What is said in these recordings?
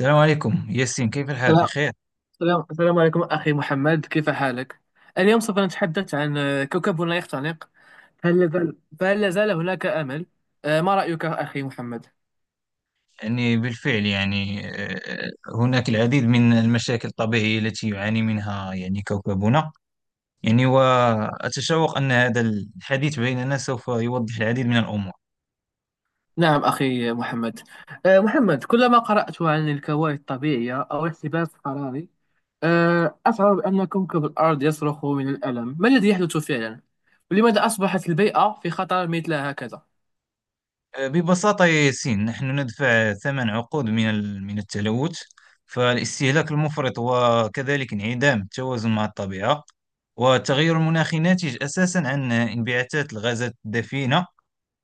السلام عليكم ياسين، كيف الحال؟ السلام بخير. السلام عليكم أخي محمد، كيف حالك؟ اليوم سوف نتحدث عن كوكبنا يختنق. هل لازال فهل لازال هناك أمل؟ ما رأيك أخي محمد؟ يعني بالفعل يعني آه، هناك العديد من المشاكل الطبيعية التي يعاني منها كوكبنا. وأتشوق أن هذا الحديث بيننا سوف يوضح العديد من الأمور. نعم أخي محمد. محمد، كلما قرأت عن الكوارث الطبيعية أو الاحتباس الحراري أشعر بأن كوكب الأرض يصرخ من الألم. ما الذي يحدث فعلا؟ ولماذا أصبحت البيئة في خطر مثل هكذا؟ ببساطة يا ياسين، نحن ندفع ثمن عقود من من التلوث. فالاستهلاك المفرط وكذلك انعدام التوازن مع الطبيعة والتغير المناخي ناتج أساسا عن انبعاثات الغازات الدفيئة،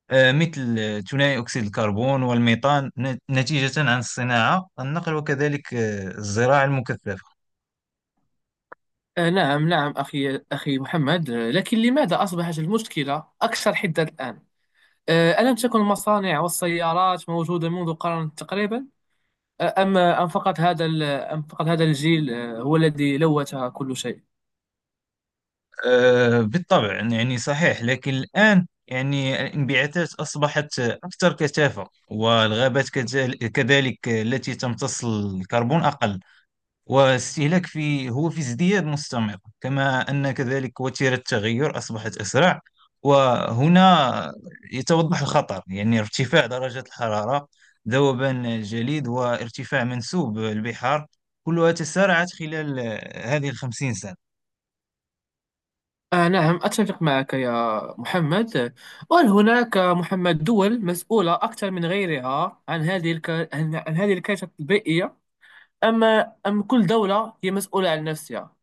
مثل ثنائي أكسيد الكربون والميثان، نتيجة عن الصناعة، النقل وكذلك الزراعة المكثفة. نعم نعم أخي محمد، لكن لماذا أصبحت المشكلة أكثر حدة الآن؟ ألم تكن المصانع والسيارات موجودة منذ قرن تقريبا؟ آه، أم أم فقط هذا ال- أم فقط هذا الجيل هو الذي لوث كل شيء؟ بالطبع صحيح، لكن الآن الانبعاثات أصبحت أكثر كثافة، والغابات كذلك التي تمتص الكربون أقل، واستهلاك في ازدياد مستمر، كما أن كذلك وتيرة التغير أصبحت أسرع. وهنا يتوضح الخطر، ارتفاع درجة الحرارة، ذوبان الجليد وارتفاع منسوب البحار كلها تسارعت خلال هذه الخمسين سنة. آه، نعم أتفق معك يا محمد. وهل هناك محمد دول مسؤولة أكثر من غيرها عن هذه الكارثة البيئية، أم أم كل دولة هي مسؤولة عن نفسها؟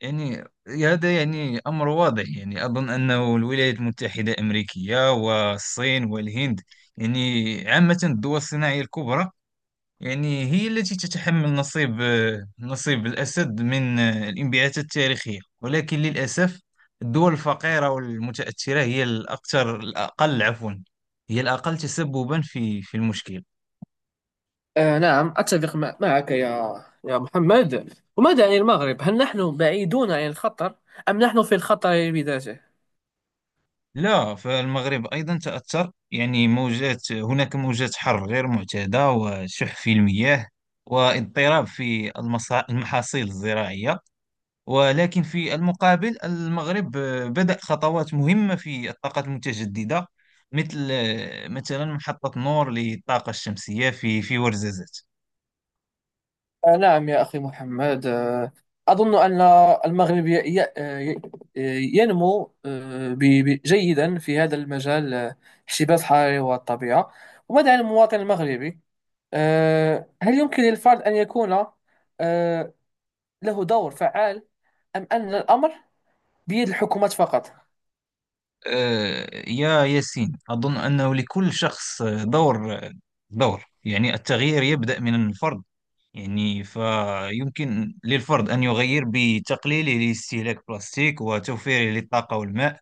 يعني هذا أمر واضح، أظن أنه الولايات المتحدة الأمريكية والصين والهند، عامة الدول الصناعية الكبرى، هي التي تتحمل نصيب الأسد من الانبعاثات التاريخية. ولكن للأسف، الدول الفقيرة والمتأثرة هي الأقل، عفوا، هي الأقل تسببا في المشكل. آه، نعم أتفق معك يا محمد. وماذا عن المغرب، هل نحن بعيدون عن الخطر أم نحن في الخطر بذاته؟ لا، فالمغرب أيضا تأثر، يعني موجات هناك موجات حر غير معتادة وشح في المياه واضطراب في المحاصيل الزراعية. ولكن في المقابل، المغرب بدأ خطوات مهمة في الطاقة المتجددة، مثلا محطة نور للطاقة الشمسية في ورزازات. نعم يا أخي محمد، أظن أن المغرب ي- آه، ينمو جيدا في هذا المجال. احتباس الحراري والطبيعة، وماذا عن المواطن المغربي؟ هل يمكن للفرد أن يكون آه، له دور فعال، أم أن الأمر بيد الحكومات فقط؟ يا ياسين، أظن أنه لكل شخص دور. التغيير يبدأ من الفرد. فيمكن للفرد أن يغير بتقليله لاستهلاك البلاستيك وتوفيره للطاقة والماء،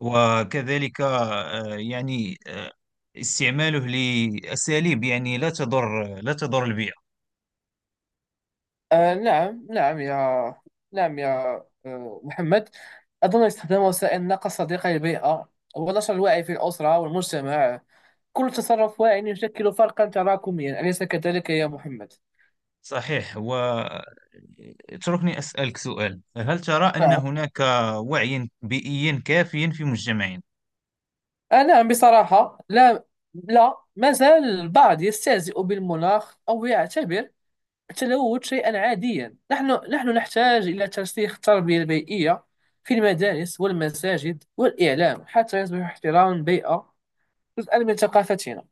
وكذلك استعماله لأساليب لا تضر البيئة. آه، نعم نعم يا، نعم يا، محمد، أظن استخدام وسائل النقل صديقة للبيئة ونشر الوعي في الأسرة والمجتمع، كل تصرف واعي يشكل فرقا تراكميا، أليس كذلك يا محمد؟ صحيح. واتركني أسألك سؤال، هل ترى أن نعم. هناك وعي بيئي كافي في مجتمعنا؟ آه، نعم بصراحة لا، لا، ما زال البعض يستهزئ بالمناخ أو يعتبر التلوث شيئا عاديا. نحن نحتاج إلى ترسيخ التربية البيئية في المدارس والمساجد والإعلام حتى يصبح احترام البيئة جزءا من ثقافتنا.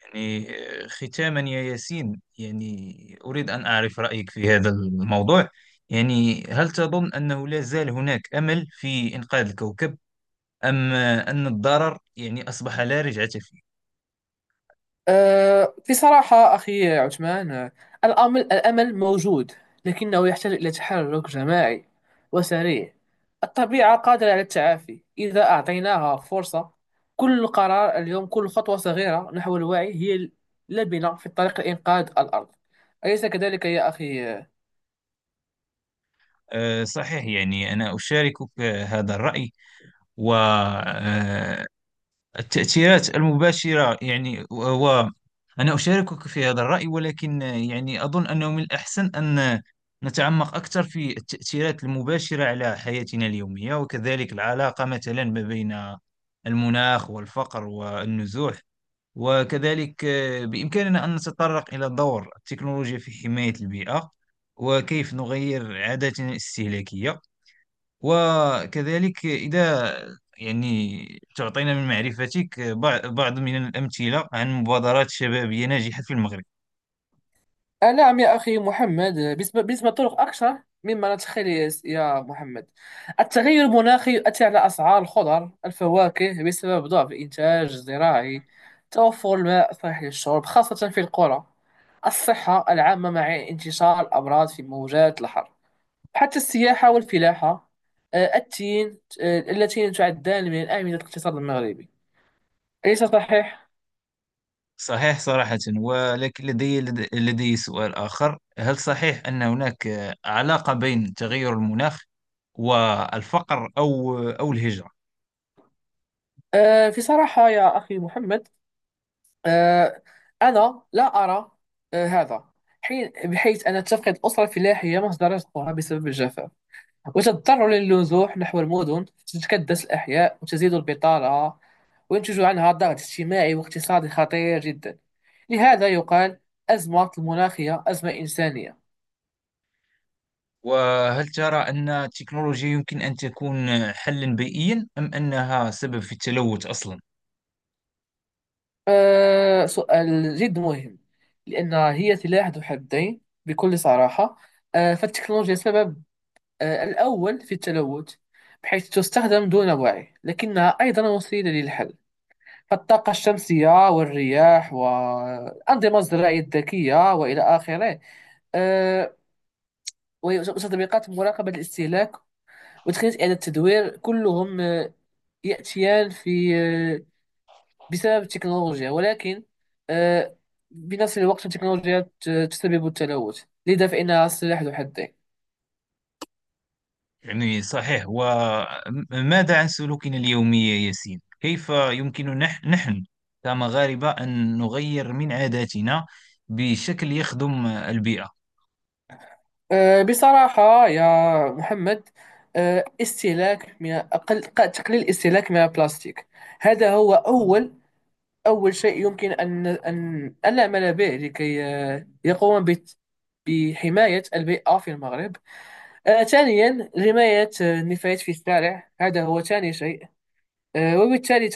يعني ختاما يا ياسين، أريد أن أعرف رأيك في هذا الموضوع. هل تظن أنه لا زال هناك أمل في إنقاذ الكوكب، أم أن الضرر أصبح لا رجعة فيه؟ بصراحة أخي عثمان، الأمل موجود، لكنه يحتاج إلى تحرك جماعي وسريع. الطبيعة قادرة على التعافي إذا أعطيناها فرصة. كل قرار اليوم، كل خطوة صغيرة نحو الوعي هي لبنة في طريق لإنقاذ الأرض، أليس كذلك يا أخي؟ صحيح، أنا أشاركك هذا الرأي والتأثيرات المباشرة. أنا أشاركك في هذا الرأي، ولكن أظن أنه من الأحسن أن نتعمق أكثر في التأثيرات المباشرة على حياتنا اليومية، وكذلك العلاقة مثلا ما بين المناخ والفقر والنزوح. وكذلك بإمكاننا أن نتطرق إلى دور التكنولوجيا في حماية البيئة، وكيف نغير عاداتنا الاستهلاكية. وكذلك إذا يعني تعطينا من معرفتك بعض من الأمثلة عن مبادرات شبابية ناجحة في المغرب. آه، نعم يا أخي محمد. بالنسبة للطرق أكثر مما نتخيل يا محمد. التغير المناخي يؤثر على أسعار الخضر الفواكه بسبب ضعف الإنتاج الزراعي، توفر الماء صحي للشرب خاصة في القرى، الصحة العامة مع انتشار الأمراض في موجات الحر، حتى السياحة والفلاحة التين اللتين تعدان من الأعمدة الاقتصاد المغربي، أليس صحيح؟ صحيح صراحة، ولكن لدي سؤال آخر، هل صحيح أن هناك علاقة بين تغير المناخ والفقر أو الهجرة؟ في صراحة يا أخي محمد، آه، أنا لا أرى هذا حين، بحيث أن تفقد الأسرة الفلاحية مصدر رزقها بسبب الجفاف وتضطر للنزوح نحو المدن، تتكدس الأحياء وتزيد البطالة وينتج عنها ضغط اجتماعي واقتصادي خطير جدا. لهذا يقال أزمة المناخية أزمة إنسانية. وهل ترى أن التكنولوجيا يمكن أن تكون حلا بيئيا، أم أنها سبب في التلوث أصلا؟ أه، سؤال جد مهم، لأن هي سلاح ذو حدين بكل صراحة. أه، فالتكنولوجيا سبب الأول في التلوث، بحيث تستخدم دون وعي، لكنها أيضا وسيلة للحل. فالطاقة الشمسية والرياح والأنظمة الزراعية الذكية وإلى آخره، آه، وتطبيقات مراقبة الاستهلاك وتقنية إعادة التدوير كلهم يأتيان في آه، بسبب التكنولوجيا، ولكن آه، بنفس الوقت التكنولوجيا تسبب التلوث، لذا فإنها سلاح ذو حدين. صحيح. وماذا عن سلوكنا اليومي يا ياسين؟ كيف يمكن نحن كمغاربة أن نغير من عاداتنا بشكل يخدم البيئة؟ بصراحة يا محمد، آه، استهلاك من أقل ق- تقليل الاستهلاك من البلاستيك، هذا هو أول شيء يمكن أن نعمل به لكي يقوم بحماية البيئة في المغرب. ثانيا، حماية النفايات في الشارع، هذا هو ثاني شيء. وبالتالي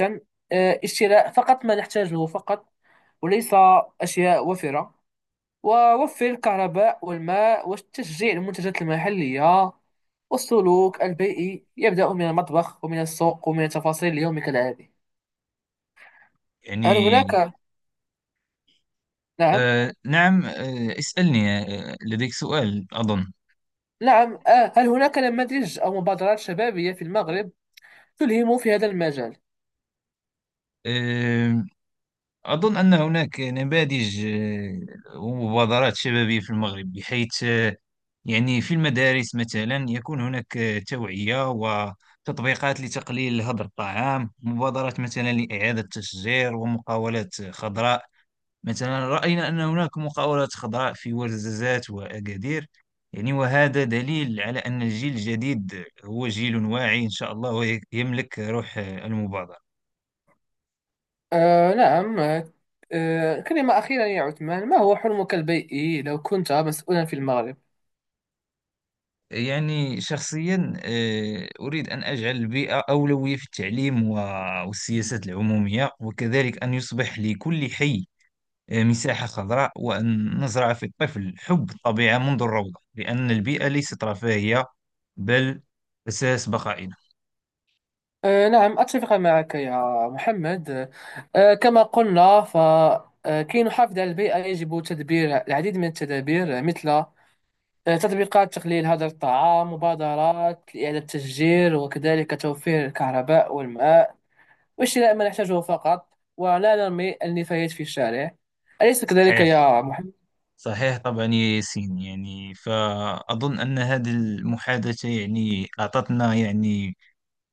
اشتراء فقط ما نحتاجه فقط، وليس أشياء وفرة، ووفر الكهرباء والماء وتشجيع المنتجات المحلية. والسلوك البيئي يبدأ من المطبخ ومن السوق ومن تفاصيل اليوم كالعادي. هل يعني هناك، نعم، نعم، اسألني، لديك سؤال أظن. نعم. هل هناك نماذج أو مبادرات شبابية في المغرب تلهم في هذا المجال؟ آه أظن أن هناك نماذج ومبادرات شبابية في المغرب، بحيث في المدارس مثلا يكون هناك توعية وتطبيقات لتقليل هدر الطعام، مبادرات مثلا لإعادة تشجير، ومقاولات خضراء. مثلا رأينا أن هناك مقاولات خضراء في ورزازات وأكادير. وهذا دليل على أن الجيل الجديد هو جيل واعي إن شاء الله، ويملك روح المبادرة. آه، نعم، آه. كلمة أخيرة يا عثمان، ما هو حلمك البيئي لو كنت مسؤولا في المغرب؟ شخصيا أريد أن أجعل البيئة أولوية في التعليم والسياسات العمومية، وكذلك أن يصبح لكل حي مساحة خضراء، وأن نزرع في الطفل حب الطبيعة منذ الروضة، لأن البيئة ليست رفاهية، بل أساس بقائنا. نعم أتفق معك يا محمد. كما قلنا فكي نحافظ على البيئة يجب تدبير العديد من التدابير، مثل تطبيقات تقليل هدر الطعام، مبادرات لإعادة التشجير، وكذلك توفير الكهرباء والماء وشراء ما نحتاجه فقط ولا نرمي النفايات في الشارع، أليس كذلك صحيح، يا محمد؟ صحيح طبعا يا ياسين. فأظن أن هذه المحادثة أعطتنا يعني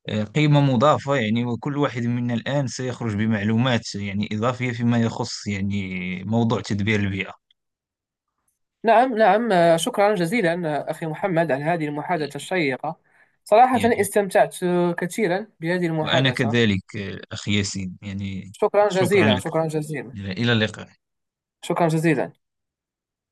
آه، قيمة مضافة، وكل واحد منا الآن سيخرج بمعلومات إضافية فيما يخص موضوع تدبير البيئة. نعم نعم. شكرا جزيلا أخي محمد على هذه المحادثة الشيقة، صراحة يعني استمتعت كثيرا بهذه وأنا المحادثة. كذلك أخي ياسين. شكرا شكرا جزيلا، لك، شكرا جزيلا، إلى اللقاء. شكرا جزيلا.